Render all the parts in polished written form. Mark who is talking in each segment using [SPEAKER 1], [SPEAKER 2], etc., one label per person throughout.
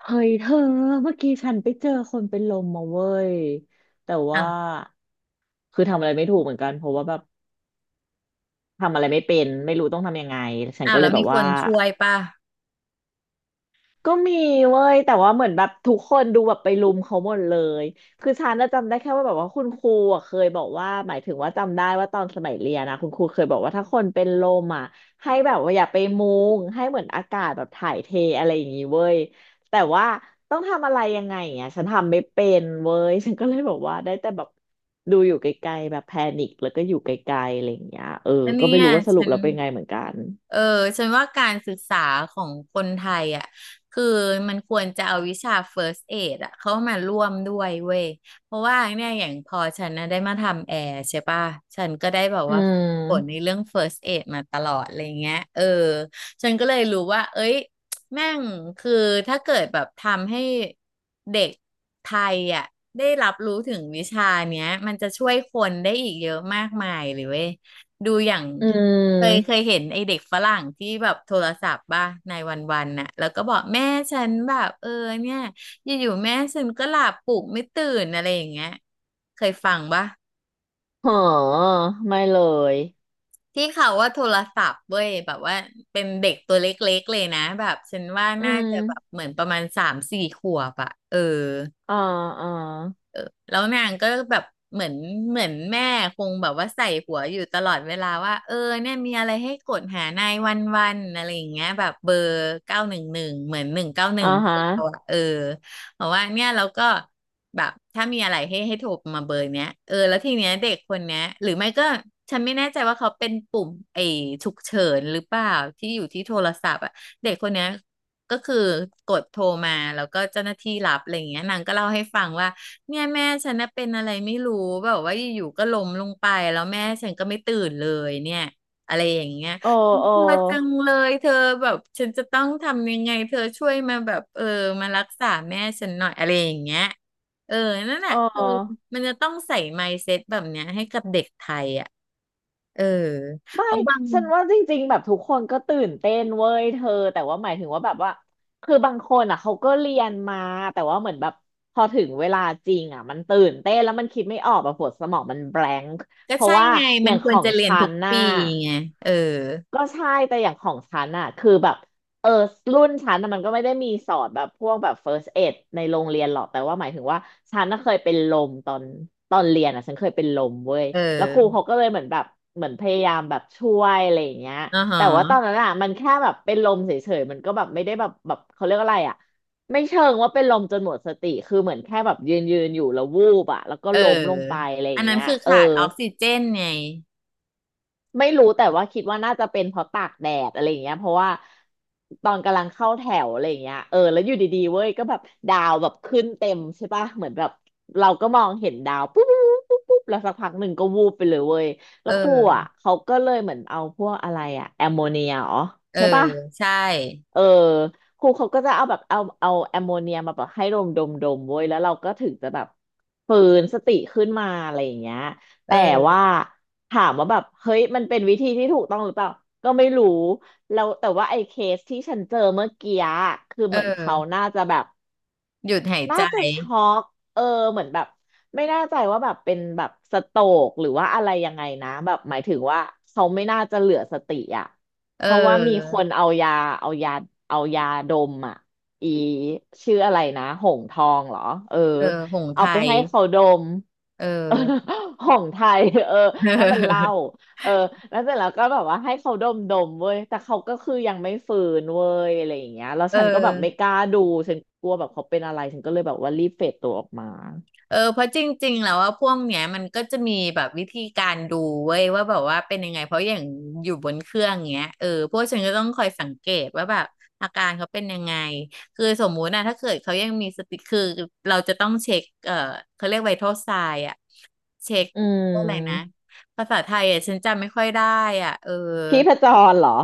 [SPEAKER 1] เฮ้ยเธอเมื่อกี้ฉันไปเจอคนเป็นลมมาเว้ยแต่
[SPEAKER 2] อ้า
[SPEAKER 1] ว่า
[SPEAKER 2] ว
[SPEAKER 1] ทำอะไรไม่ถูกเหมือนกันเพราะว่าแบบทำอะไรไม่เป็นไม่รู้ต้องทำยังไงฉัน
[SPEAKER 2] อ้า
[SPEAKER 1] ก็
[SPEAKER 2] ว
[SPEAKER 1] เล
[SPEAKER 2] แล้
[SPEAKER 1] ย
[SPEAKER 2] ว
[SPEAKER 1] แบ
[SPEAKER 2] มี
[SPEAKER 1] บ
[SPEAKER 2] ค
[SPEAKER 1] ว่า
[SPEAKER 2] นช่วยป่ะ
[SPEAKER 1] ก็มีเว้ยแต่ว่าเหมือนแบบทุกคนดูแบบไปรุมเขาหมดเลยฉันน่ะจำได้แค่ว่าคุณครูอ่ะเคยบอกว่าหมายถึงว่าจำได้ว่าตอนสมัยเรียนนะคุณครูเคยบอกว่าถ้าคนเป็นลมอ่ะให้แบบว่าอย่าไปมุงให้เหมือนอากาศแบบถ่ายเทอะไรอย่างงี้เว้ยแต่ว่าต้องทำอะไรยังไงอ่ะฉันทำไม่เป็นเว้ย ฉันก็เลยบอกว่าได้แต่แบบดูอยู่ไกลๆแบบแพนิคแล้วก็อยู่ไกลๆอะไรอย่างเงี้ยเออ
[SPEAKER 2] อัน
[SPEAKER 1] ก็
[SPEAKER 2] เนี้
[SPEAKER 1] ไม่รู้
[SPEAKER 2] อ่ะ
[SPEAKER 1] ว่าสรุ
[SPEAKER 2] ฉั
[SPEAKER 1] ป
[SPEAKER 2] น
[SPEAKER 1] แล้วเป็นไงเหมือนกัน
[SPEAKER 2] เออฉันว่าการศึกษาของคนไทยอ่ะคือมันควรจะเอาวิชา First Aid อ่ะเข้ามาร่วมด้วยเว้ยเพราะว่าเนี่ยอย่างพอฉันนะได้มาทำแอร์ใช่ป่ะฉันก็ได้แบบ
[SPEAKER 1] อื
[SPEAKER 2] ว่าฝนใน
[SPEAKER 1] ม
[SPEAKER 2] เรื่อง First Aid มาตลอดอะไรเงี้ยเออฉันก็เลยรู้ว่าเอ้ยแม่งคือถ้าเกิดแบบทำให้เด็กไทยอ่ะได้รับรู้ถึงวิชาเนี้ยมันจะช่วยคนได้อีกเยอะมากมายเลยเว้ย ดูอย่าง
[SPEAKER 1] อื
[SPEAKER 2] เคยเค
[SPEAKER 1] ม
[SPEAKER 2] ยเห็นไอเด็กฝรั่งที่แบบโทรศัพท์บ้าในวันวันน่ะแล้วก็บอกแม่ฉันแบบเออเนี่ยอยู่ๆแม่ฉันก็หลับปลุกไม่ตื่นอะไรอย่างเงี้ยเคยฟังปะ
[SPEAKER 1] เหอไม่เลย
[SPEAKER 2] ที่เขาว่าโทรศัพท์เว้ยแบบว่าเป็นเด็กตัวเล็กๆเลยนะแบบฉันว่า
[SPEAKER 1] อื
[SPEAKER 2] น่า
[SPEAKER 1] ม
[SPEAKER 2] จะแบบเหมือนประมาณ3-4 ขวบอะเออ
[SPEAKER 1] อ่าอ่า
[SPEAKER 2] แล้วนางก็แบบเหมือนเหมือนแม่คงแบบว่าใส่หัวอยู่ตลอดเวลาว่าเออเนี่ยมีอะไรให้กดหานายวันวันอะไรอย่างเงี้ยแบบเบอร์911เหมือนหนึ่งเก้าหนึ่
[SPEAKER 1] อ่า
[SPEAKER 2] ง
[SPEAKER 1] ฮะ
[SPEAKER 2] เออบอกว่าเนี่ยเราก็แบบถ้ามีอะไรให้โทรมาเบอร์เนี้ยเออแล้วทีเนี้ยเด็กคนเนี้ยหรือไม่ก็ฉันไม่แน่ใจว่าเขาเป็นปุ่มไอ้ฉุกเฉินหรือเปล่าที่อยู่ที่โทรศัพท์อะเด็กคนเนี้ยก็คือกดโทรมาแล้วก็เจ้าหน้าที่รับอะไรอย่างเงี้ยนางก็เล่าให้ฟังว่า เนี่ยแม่ฉันน่ะเป็นอะไรไม่รู้แบบว่าอยู่ๆก็ล้มลงไปแล้วแม่ฉันก็ไม่ตื่นเลยเนี่ยอะไรอย่างเงี้ย
[SPEAKER 1] โอโอ
[SPEAKER 2] เธอจังเลยเธอแบบฉันจะต้องทำยังไงเธอช่วยมาแบบเออมารักษาแม่ฉันหน่อยอะไรอย่างเงี้ยเออนั่นแหละคือ
[SPEAKER 1] โอ
[SPEAKER 2] มันจะต้องใส่ mindset แบบเนี้ยให้กับเด็กไทยอ่ะเออ
[SPEAKER 1] ไม่
[SPEAKER 2] เพราะบาง
[SPEAKER 1] ฉันว่าจริงๆแบบทุกคนก็ตื่นเต้นเว้ยเธอแต่ว่าหมายถึงว่าบางคนอ่ะเขาก็เรียนมาแต่ว่าเหมือนแบบพอถึงเวลาจริงอ่ะมันตื่นเต้นแล้วมันคิดไม่ออกแบบหัวสมองมันแบลงก์
[SPEAKER 2] ก็
[SPEAKER 1] เพราะ
[SPEAKER 2] ใช่
[SPEAKER 1] ว่า
[SPEAKER 2] ไง
[SPEAKER 1] อ
[SPEAKER 2] มัน
[SPEAKER 1] ย่าง
[SPEAKER 2] ค
[SPEAKER 1] ข
[SPEAKER 2] วร
[SPEAKER 1] อง
[SPEAKER 2] จะเรียน
[SPEAKER 1] ฉั
[SPEAKER 2] ทุก
[SPEAKER 1] นน่ะ
[SPEAKER 2] ปีไงเออ
[SPEAKER 1] ก็ใช่แต่อย่างของฉันอะคือแบบ เออรุ่นฉันน่ะมันก็ไม่ได้มีสอนแบบพวกแบบ first aid ในโรงเรียนหรอกแต่ว่าหมายถึงว่าฉันน่ะเคยเป็นลมตอนเรียนอ่ะฉันเคยเป็นลมเว้ย
[SPEAKER 2] เ
[SPEAKER 1] แล้วครู
[SPEAKER 2] ออ
[SPEAKER 1] เขาก็เลยเหมือนแบบเหมือนพยายามแบบช่วยอะไรอย่างเงี้ย
[SPEAKER 2] อ่าฮะ
[SPEAKER 1] แต่ว่าตอนนั้นอ่ะมันแค่แบบเป็นลมเฉยๆมันก็แบบไม่ได้แบบแบบเขาเรียกอะไรอ่ะไม่เชิงว่าเป็นลมจนหมดสติเหมือนแค่แบบยืนอยู่แล้ววูบอ่ะแล้วก็
[SPEAKER 2] เออ
[SPEAKER 1] ล้มลงไปอะไรอ
[SPEAKER 2] อั
[SPEAKER 1] ย่า
[SPEAKER 2] น
[SPEAKER 1] ง
[SPEAKER 2] นั้
[SPEAKER 1] เงี้
[SPEAKER 2] น
[SPEAKER 1] ย
[SPEAKER 2] คือ
[SPEAKER 1] เออ
[SPEAKER 2] ขาดออกซิเจนไง
[SPEAKER 1] ไม่รู้แต่ว่าคิดว่าน่าจะเป็นเพราะตากแดดอะไรอย่างเงี้ยเพราะว่าตอนกำลังเข้าแถวอะไรอย่างเงี้ยเออแล้วอยู่ดีๆเว้ยก็แบบดาวแบบขึ้นเต็มใช่ปะเหมือนแบบเราก็มองเห็นดาวปุ๊บปุ๊บปุ๊บปุ๊บแล้วสักพักหนึ่งก็วูบไปเลยเว้ย
[SPEAKER 2] เอ
[SPEAKER 1] แล้วครูอ่ะ
[SPEAKER 2] อ
[SPEAKER 1] เขาก็เลยเหมือนเอาพวกอะไรอ่ะแอมโมเนียอ๋อ
[SPEAKER 2] เออ
[SPEAKER 1] ใช่ปะ
[SPEAKER 2] ใช่
[SPEAKER 1] เออครูเขาก็จะเอาแบบเอาแอมโมเนียมาแบบให้ดมดมเว้ยแล้วเราก็ถึงจะแบบฟื้นสติขึ้นมาอะไรอย่างเงี้ยแต่
[SPEAKER 2] เออ
[SPEAKER 1] ว่าถามว่าแบบเฮ้ยมันเป็นวิธีที่ถูกต้องหรือเปล่าก็ไม่รู้แล้วแต่ว่าไอ้เคสที่ฉันเจอเมื่อกี้อะ
[SPEAKER 2] เ
[SPEAKER 1] เหมือนเขา
[SPEAKER 2] ออ
[SPEAKER 1] น่าจะแบบ
[SPEAKER 2] หยุดหาย
[SPEAKER 1] น่า
[SPEAKER 2] ใจ
[SPEAKER 1] จะช็อกเออเหมือนแบบไม่แน่ใจว่าแบบเป็นแบบสโตรกหรือว่าอะไรยังไงนะแบบหมายถึงว่าเขาไม่น่าจะเหลือสติอ่ะ
[SPEAKER 2] เ
[SPEAKER 1] เพราะว่ามี
[SPEAKER 2] อ
[SPEAKER 1] ค
[SPEAKER 2] อ
[SPEAKER 1] นเอายาเอายาเอายาดมอ่ะอีชื่ออะไรนะหงทองเหรอเออ
[SPEAKER 2] เออหงส์
[SPEAKER 1] เอา
[SPEAKER 2] ไท
[SPEAKER 1] ไป
[SPEAKER 2] ย
[SPEAKER 1] ให้เขาดม
[SPEAKER 2] เอ
[SPEAKER 1] เออ
[SPEAKER 2] อ
[SPEAKER 1] ของไทยเออนั่นมันเหล้า เออแล้วเสร็จแล้วก็แบบว่าให้เขาดมดมเว้ยแต่เขาก็ยังไม่ฟื้นเว้ยอะไรอย่างเงี้ยแล้ว
[SPEAKER 2] เอ
[SPEAKER 1] ฉันก็แบบไม่ก
[SPEAKER 2] อ
[SPEAKER 1] ล้าดูฉันกลัวแบบเขาเป็นอะไรฉันก็เลยแบบว่ารีบเฟดตัวออกมา
[SPEAKER 2] เออเพราะจริงๆ แล้วว่าพวกเนี้ยมันก็จะมีแบบวิธีการดูเว้ยว่าแบบว่าเป็นยังไงเพราะอย่างอยู่บนเครื่องเงี้ยเออพวกฉันก็ต้องคอยสังเกตว่าแบบอาการเขาเป็นยังไงคือสมมุตินะถ้าเกิดเขายังมีสติคือเราจะต้องเช็คเออเขาเรียกไวทัลไซน์ เช็ค
[SPEAKER 1] อื
[SPEAKER 2] อะไรนะ
[SPEAKER 1] ม
[SPEAKER 2] ภาษาไทยอ่ะฉันจำไม่ค่อยได้อ่ะเออ
[SPEAKER 1] พี่พจรเหรอ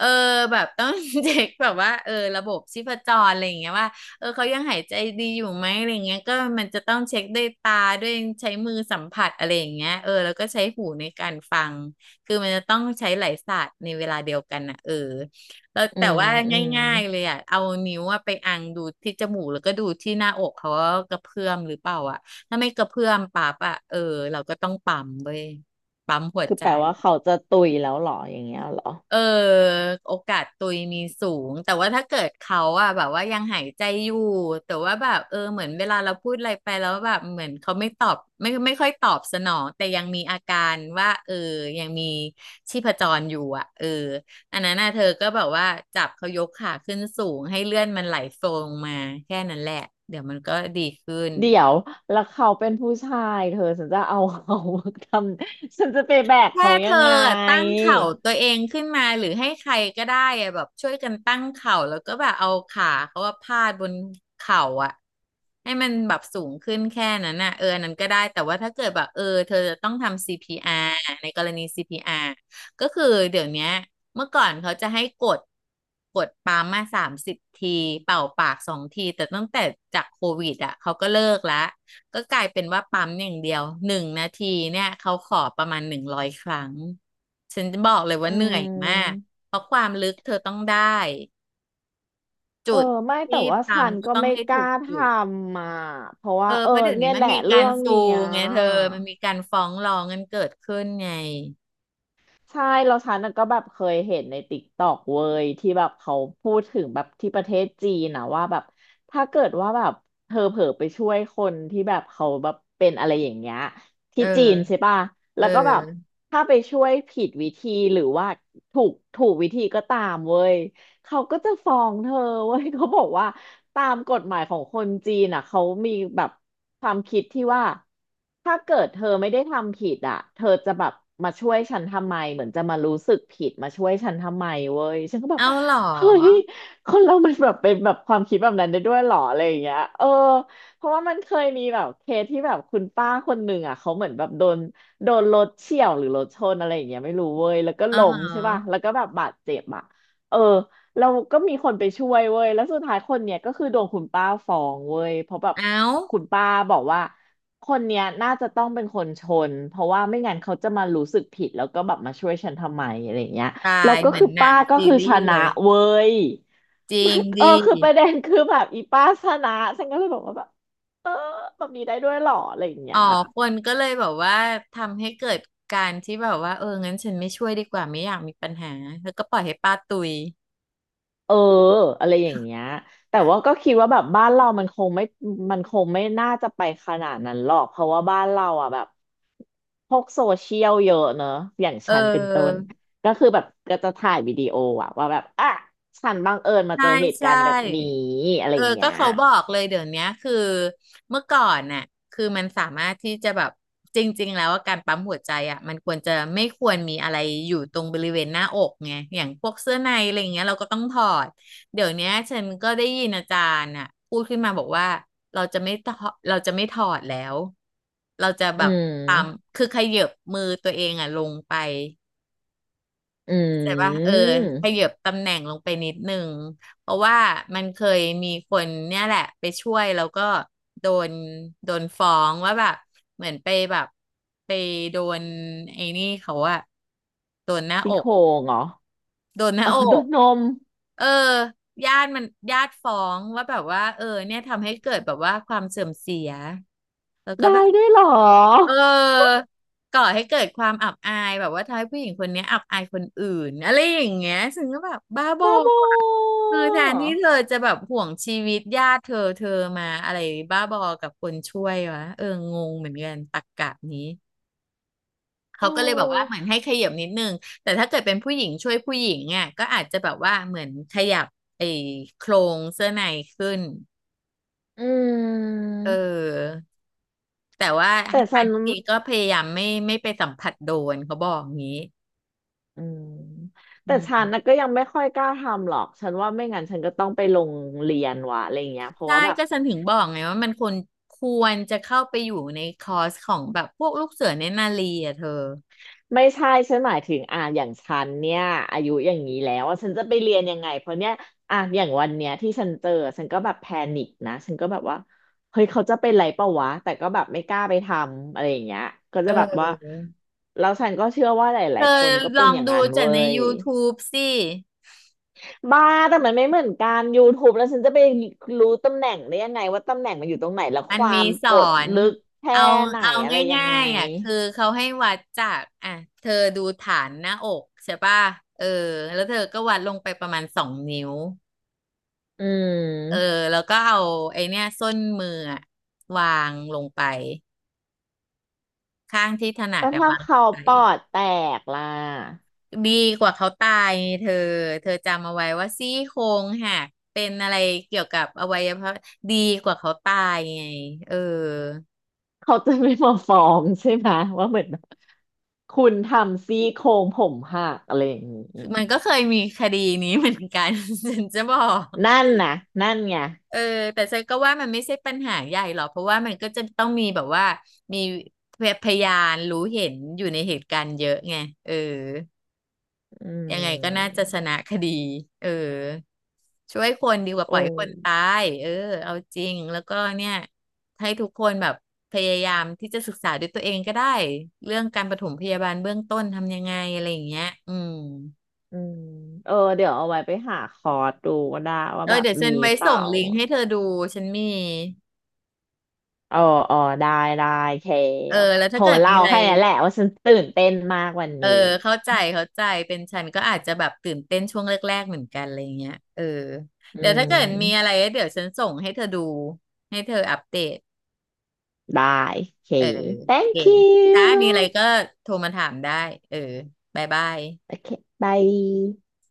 [SPEAKER 2] เออแบบต้อง เช็คแบบว่าเออระบบชีพจรอะไรอย่างเงี้ยว่าเออเขายังหายใจดีอยู่ไหมอะไรเงี้ยก็มันจะต้องเช็คด้วยตาด้วยใช้มือสัมผัสอะไรอย่างเงี้ยเออแล้วก็ใช้หูในการฟังคือมันจะต้องใช้หลายศาสตร์ในเวลาเดียวกันอ่ะเออแล้ว
[SPEAKER 1] อื
[SPEAKER 2] แต่
[SPEAKER 1] ม
[SPEAKER 2] ว่า
[SPEAKER 1] อืม
[SPEAKER 2] ง่ายๆเลยอ่ะเอานิ้วอะไปอังดูที่จมูกแล้วก็ดูที่หน้าอกเขาว่ากระเพื่อมหรือเปล่าอ่ะถ้าไม่กระเพื่อมปั๊บอ่ะเออเราก็ต้องปั๊มเว้ยปั๊มหัวใจ
[SPEAKER 1] แปลว่าเขาจะตุยแล้วเหรออย่างเงี้ยเหรอ
[SPEAKER 2] เออโอกาสตุยมีสูงแต่ว่าถ้าเกิดเขาอะแบบว่ายังหายใจอยู่แต่ว่าแบบเออเหมือนเวลาเราพูดอะไรไปแล้วแบบเหมือนเขาไม่ตอบไม่ค่อยตอบสนองแต่ยังมีอาการว่าเออยังมีชีพจรอยู่อะเอออันนั้นน่ะเธอก็แบบว่าจับเขายกขาขึ้นสูงให้เลื่อนมันไหลโฟงมาแค่นั้นแหละเดี๋ยวมันก็ดีขึ้น
[SPEAKER 1] เดี๋ยวแล้วเขาเป็นผู้ชายเธอฉันจะเอาเขา ทำฉันจะไปแบก
[SPEAKER 2] แค่
[SPEAKER 1] เขา
[SPEAKER 2] เธ
[SPEAKER 1] ยั
[SPEAKER 2] อ
[SPEAKER 1] งไง
[SPEAKER 2] อะตั้งเข่าตัวเองขึ้นมาหรือให้ใครก็ได้อะแบบช่วยกันตั้งเข่าแล้วก็แบบเอาขาเขาว่าพาดบนเข่าอะให้มันแบบสูงขึ้นแค่นั้นน่ะเอออันนั้นก็ได้แต่ว่าถ้าเกิดแบบเออเธอจะต้องทำ CPR ในกรณี CPR ก็คือเดี๋ยวเนี้ยเมื่อก่อนเขาจะให้กดปั๊มมา30 ทีเป่าปาก2 ทีแต่ตั้งแต่จากโควิดอ่ะเขาก็เลิกละ ก็กลายเป็นว่าปั๊มอย่างเดียว1 นาทีเนี่ยเขาขอประมาณ100 ครั้งฉันจะบอกเลย
[SPEAKER 1] อื
[SPEAKER 2] ว่าเหนื่อยมาก
[SPEAKER 1] ม
[SPEAKER 2] เพราะความลึกเธอต้องได้
[SPEAKER 1] เออ
[SPEAKER 2] จุด
[SPEAKER 1] ไม่แต่
[SPEAKER 2] ที่
[SPEAKER 1] ว่า
[SPEAKER 2] ปั๊
[SPEAKER 1] ฉั
[SPEAKER 2] ม
[SPEAKER 1] น
[SPEAKER 2] ก็
[SPEAKER 1] ก็
[SPEAKER 2] ต้อง
[SPEAKER 1] ไม่
[SPEAKER 2] ให้
[SPEAKER 1] ก
[SPEAKER 2] ถู
[SPEAKER 1] ล้า
[SPEAKER 2] ก
[SPEAKER 1] ท
[SPEAKER 2] จุด
[SPEAKER 1] ำอ่ะเพราะ
[SPEAKER 2] เอ
[SPEAKER 1] ว่า
[SPEAKER 2] อ
[SPEAKER 1] เออ
[SPEAKER 2] เพราะเดี๋ยวนี้
[SPEAKER 1] เนี่ย
[SPEAKER 2] มั
[SPEAKER 1] แห
[SPEAKER 2] น
[SPEAKER 1] ละ
[SPEAKER 2] มีกา
[SPEAKER 1] เรื่
[SPEAKER 2] ร
[SPEAKER 1] อง
[SPEAKER 2] ซู
[SPEAKER 1] เนี้ย
[SPEAKER 2] ไงเธอมันมีการฟ้องร้องกันเกิดขึ้นไง
[SPEAKER 1] ใช่แล้วฉันน่ะก็แบบเคยเห็นในติ๊กตอกเว้ยที่แบบเขาพูดถึงแบบที่ประเทศจีนนะว่าแบบถ้าเกิดว่าแบบเธอเผลอไปช่วยคนที่แบบเขาแบบเป็นอะไรอย่างเงี้ย
[SPEAKER 2] เอ
[SPEAKER 1] ที่จีนใช่
[SPEAKER 2] อ
[SPEAKER 1] ป่ะ
[SPEAKER 2] เ
[SPEAKER 1] แล้วก็แบบ
[SPEAKER 2] ออ
[SPEAKER 1] ถ้าไปช่วยผิดวิธีหรือว่าถูกวิธีก็ตามเว้ย เขาก็จะฟ้องเธอเว้ยเขาบอกว่าตามกฎหมายของคนจีนอ่ะเขามีแบบความคิดที่ว่าถ้าเกิดเธอไม่ได้ทำผิดอ่ะเธอจะแบบมาช่วยฉันทำไมเหมือนจะมารู้สึกผิดมาช่วยฉันทำไมเว้ยฉันก็แบบ
[SPEAKER 2] เอาเหรอ
[SPEAKER 1] เฮ้ยคนเรามันแบบเป็นแบบความคิดแบบนั้นได้ด้วยเหรออะไรอย่างเงี้ยเออเพราะว่ามันเคยมีแบบเคสที่แบบคุณป้าคนหนึ่งอ่ะเขาเหมือนแบบโดนรถเฉี่ยวหรือรถชนอะไรอย่างเงี้ยไม่รู้เว้ยแล้วก็
[SPEAKER 2] อ๋อ
[SPEAKER 1] ล้
[SPEAKER 2] ฮะ
[SPEAKER 1] มใช่ป่ะแล้วก็แบบบาดเจ็บอ่ะเออ เราก็มีคนไปช่วยเว้ยแล้วสุดท้ายคนเนี้ยก็คือโดนคุณป้าฟ้องเว้ยเพราะแบบ
[SPEAKER 2] เอา
[SPEAKER 1] คุณป้าบอกว่าคนเนี้ยน่าจะต้องเป็นคนชนเพราะว่าไม่งั้นเขาจะมารู้สึกผิดแล้วก็แบบมาช่วยฉันทำไมอะไรเงี้ย
[SPEAKER 2] ตา
[SPEAKER 1] แล้ว
[SPEAKER 2] ย
[SPEAKER 1] ก็
[SPEAKER 2] เหมือ
[SPEAKER 1] คื
[SPEAKER 2] น
[SPEAKER 1] อ
[SPEAKER 2] หนั
[SPEAKER 1] ป้า
[SPEAKER 2] ง
[SPEAKER 1] ก็
[SPEAKER 2] ซี
[SPEAKER 1] คือช
[SPEAKER 2] รีส์
[SPEAKER 1] นะ
[SPEAKER 2] เลย
[SPEAKER 1] เว้ย
[SPEAKER 2] จ ริ
[SPEAKER 1] มั
[SPEAKER 2] ง
[SPEAKER 1] น
[SPEAKER 2] ดี
[SPEAKER 1] คือประเด็นคือแบบอีป้าชนะฉันก็เลยบอกว่าแบบเออแบบนี้ได้ด้วยเหรออะไรอย่างเงี้
[SPEAKER 2] อ๋อ
[SPEAKER 1] ย
[SPEAKER 2] คนก็เลยแบบว่าทำให้เกิดการที่แบบว่าเอองั้นฉันไม่ช่วยดีกว่าไม่อยากมีปัญหาแล้วก็ปล่อยให้ป้าตุย
[SPEAKER 1] เอออะไรอย่างเงี้ยแต่ว่าก็คิดว่าแบบบ้านเรามันคงไม่น่าจะไปขนาดนั้นหรอกเพราะว่าบ้านเราอ่ะแบบพวกโซเชียลเยอะเนอะอย่าง
[SPEAKER 2] เ
[SPEAKER 1] ฉันเป็นต้น
[SPEAKER 2] ออ
[SPEAKER 1] ก็คือแบบก็จะถ่ายวิดีโออะว่าแบบอ่ะฉันบังเอิญมา
[SPEAKER 2] ใช่
[SPEAKER 1] เจอเหตุกา
[SPEAKER 2] ใช่
[SPEAKER 1] รณ์แบบนี้อะไรอย่าง
[SPEAKER 2] ก็
[SPEAKER 1] เงี้ย
[SPEAKER 2] เขาบอกเลยเดี๋ยวเนี้ยคือเมื่อก่อนน่ะคือมันสามารถที่จะแบบจริงๆแล้วว่าการปั๊มหัวใจอ่ะมันควรจะไม่ควรมีอะไรอยู่ตรงบริเวณหน้าอกไงอย่างพวกเสื้อในอะไรอย่างเงี้ยเราก็ต้องถอดเดี๋ยวเนี้ยฉันก็ได้ยินอาจารย์น่ะพูดขึ้นมาบอกว่าเราจะไม่ถอดแล้วเราจะ
[SPEAKER 1] อื
[SPEAKER 2] แบบปั๊ม
[SPEAKER 1] ม
[SPEAKER 2] คือขยับมือตัวเองอ่ะลงไป
[SPEAKER 1] อื
[SPEAKER 2] แต่ว่าข
[SPEAKER 1] ม
[SPEAKER 2] ยับตำแหน่งลงไปนิดนึงเพราะว่ามันเคยมีคนเนี่ยแหละไปช่วยแล้วก็โดนโดนฟ้องว่าแบบเหมือนไปแบบไปโดนไอ้นี่เขาอะโดนหน้าอ
[SPEAKER 1] พี่โค
[SPEAKER 2] ก
[SPEAKER 1] งเหรอ
[SPEAKER 2] โดนหน้า
[SPEAKER 1] อ๋อ
[SPEAKER 2] อ
[SPEAKER 1] โด
[SPEAKER 2] ก
[SPEAKER 1] นนม
[SPEAKER 2] เออญาติมันญาติฟ้องว่าแบบว่าเออเนี่ยทำให้เกิดแบบว่าความเสื่อมเสียแล้วก็แบ
[SPEAKER 1] ได้
[SPEAKER 2] บ
[SPEAKER 1] ด้วยเหรอ
[SPEAKER 2] เออก่อให้เกิดความอับอายแบบว่าทำให้ผู้หญิงคนเนี้ยอับอายคนอื่นอะไรอย่างเงี้ยซึ่งก็แบบบ้าบอ
[SPEAKER 1] บ้าบอ
[SPEAKER 2] อะคือแทนที่เธอจะแบบห่วงชีวิตญาติเธอมาอะไรบ้าบอกับคนช่วยวะเอองงเหมือนกันตรรกะนี้
[SPEAKER 1] เอ
[SPEAKER 2] เขาก็เลยแบบว่าเหมื
[SPEAKER 1] อ
[SPEAKER 2] อนให้ขยับนิดนึงแต่ถ้าเกิดเป็นผู้หญิงช่วยผู้หญิงอ่ะก็อาจจะแบบว่าเหมือนขยับไอ้โครงเสื้อในขึ้น
[SPEAKER 1] อื
[SPEAKER 2] เ
[SPEAKER 1] ม
[SPEAKER 2] ออแต่ว่า
[SPEAKER 1] แต่
[SPEAKER 2] ให้ทา
[SPEAKER 1] ฉั
[SPEAKER 2] ง
[SPEAKER 1] น
[SPEAKER 2] ที่ดีก็พยายามไม่ไปสัมผัสโดนเขาบอกงี้
[SPEAKER 1] อืม
[SPEAKER 2] อื
[SPEAKER 1] แต่ฉัน
[SPEAKER 2] ม
[SPEAKER 1] นะก็ยังไม่ค่อยกล้าทำหรอก ฉันว่าไม่งั้นฉันก็ต้องไปลงเรียนวะอะไรเงี้ยเพราะ
[SPEAKER 2] ใช่
[SPEAKER 1] ว่าแบบ
[SPEAKER 2] ก็ฉันถึงบอกไงว่ามันควรจะเข้าไปอยู่ในคอร์สของแบบพวกลูกเสือเนตรนารีอ่ะเธอ
[SPEAKER 1] ไม่ใช่ฉันหมายถึงอ่ะอย่างฉันเนี่ยอายุอย่างนี้แล้วอะฉันจะไปเรียนยังไงเพราะเนี่ยอ่ะอย่างวันเนี้ยที่ฉันเจอฉันก็แบบแพนิคนะฉันก็แบบว่าเฮ้ยเขาจะเป็นไรเปล่าวะแต่ก็แบบไม่กล้าไปทำอะไรอย่างเงี้ยก็
[SPEAKER 2] เ
[SPEAKER 1] จะแบบว่า
[SPEAKER 2] ออ
[SPEAKER 1] แล้วฉันก็เชื่อว่าหล
[SPEAKER 2] เธ
[SPEAKER 1] ายๆค
[SPEAKER 2] อ
[SPEAKER 1] นก็
[SPEAKER 2] ล
[SPEAKER 1] เป็น
[SPEAKER 2] อง
[SPEAKER 1] อย่าง
[SPEAKER 2] ดู
[SPEAKER 1] นั้น
[SPEAKER 2] จาก
[SPEAKER 1] เว้
[SPEAKER 2] ใน
[SPEAKER 1] ย
[SPEAKER 2] YouTube สิ
[SPEAKER 1] บ้าแต่มันไม่เหมือนกัน YouTube แล้วฉันจะไปรู้ตำแหน่งได้ยังไงว่าตำแหน่งมันอยู่ตรงไหนแล้ว
[SPEAKER 2] มั
[SPEAKER 1] ค
[SPEAKER 2] น
[SPEAKER 1] วา
[SPEAKER 2] มี
[SPEAKER 1] ม
[SPEAKER 2] ส
[SPEAKER 1] ก
[SPEAKER 2] อ
[SPEAKER 1] ด
[SPEAKER 2] น
[SPEAKER 1] ลึกแค่
[SPEAKER 2] เอา
[SPEAKER 1] ไหน
[SPEAKER 2] เอา
[SPEAKER 1] อะไรยังไง
[SPEAKER 2] ง่ายๆอ่ะคือเขาให้วัดจากอ่ะเธอดูฐานหน้าอกใช่ป่ะเออแล้วเธอก็วัดลงไปประมาณ2 นิ้ว
[SPEAKER 1] อื
[SPEAKER 2] เออ
[SPEAKER 1] ม
[SPEAKER 2] แล้วก็เอาไอเนี้ยส้นมืออะวางลงไปข้างที่ถนัด
[SPEAKER 1] แล้ว
[SPEAKER 2] แต่
[SPEAKER 1] ถ้า
[SPEAKER 2] วางล
[SPEAKER 1] เขา
[SPEAKER 2] งไป
[SPEAKER 1] ปอดแตกล่ะ
[SPEAKER 2] ดีกว่าเขาตายเธอเธอจำเอาไว้ว่าซี่โครงหักเป็นอะไรเกี่ยวกับอวัยวะดีกว่าเขาตายไงเออ
[SPEAKER 1] เขาจะไม่มาฟ้องใช่ไหมว่าเหมือนแบบคุณทำซี่โครงผมหักอะไรอย่างนี้
[SPEAKER 2] มันก็เคยมีคดีนี้เหมือนกัน ฉันจะบอก
[SPEAKER 1] นั่นนะนั่นไง
[SPEAKER 2] เออแต่ฉันก็ว่ามันไม่ใช่ปัญหาใหญ่หรอกเพราะว่ามันก็จะต้องมีแบบว่ามีพยานรู้เห็นอยู่ในเหตุการณ์เยอะไงเออ
[SPEAKER 1] อื
[SPEAKER 2] ยังไงก็น่า
[SPEAKER 1] ม
[SPEAKER 2] จะชนะคดีเออช่วยคนดีกว่าป
[SPEAKER 1] โอ้
[SPEAKER 2] ล่อยคนตายเออเอาจริง แล้วก็เนี่ยให้ทุกคนแบบพยายามที่จะศึกษาด้วยตัวเองก็ได้เรื่องการปฐมพยาบาลเบื้องต้นทำยังไงอะไรอย่างเงี้ยอืม
[SPEAKER 1] อืมเออเดี๋ยวเอาไว้ไปหาคอร์สดูก็ได้ว่า
[SPEAKER 2] เอ
[SPEAKER 1] แบ
[SPEAKER 2] อ
[SPEAKER 1] บ
[SPEAKER 2] เดี๋ยวฉั
[SPEAKER 1] มี
[SPEAKER 2] นไว้
[SPEAKER 1] เปล่า
[SPEAKER 2] ส่งลิงก์ให้เธอดูฉันมี
[SPEAKER 1] เออเออได้ ได้เค
[SPEAKER 2] เออแล้ว
[SPEAKER 1] โท
[SPEAKER 2] ถ้า
[SPEAKER 1] ร
[SPEAKER 2] เกิด
[SPEAKER 1] มา
[SPEAKER 2] มี
[SPEAKER 1] เล่า
[SPEAKER 2] อะไร
[SPEAKER 1] แค่นี้แหละว่าฉันตื่นเต้นมากวัน
[SPEAKER 2] เออ
[SPEAKER 1] นี้
[SPEAKER 2] เข้าใจเป็นฉันก็อาจจะแบบตื่นเต้นช่วงแรกๆเหมือนกันอะไรเงี้ยเออ
[SPEAKER 1] อื
[SPEAKER 2] เดี๋ยวถ้าเกิดมีอะไร
[SPEAKER 1] ม
[SPEAKER 2] เดี๋ยวฉันส่งให้เธอดูให้เธออัปเดต
[SPEAKER 1] ได้โอเค
[SPEAKER 2] เออโอเค
[SPEAKER 1] thank you
[SPEAKER 2] ถ้ามีอะไรก็โทรมาถามได้เออบ๊ายบาย
[SPEAKER 1] โอเค bye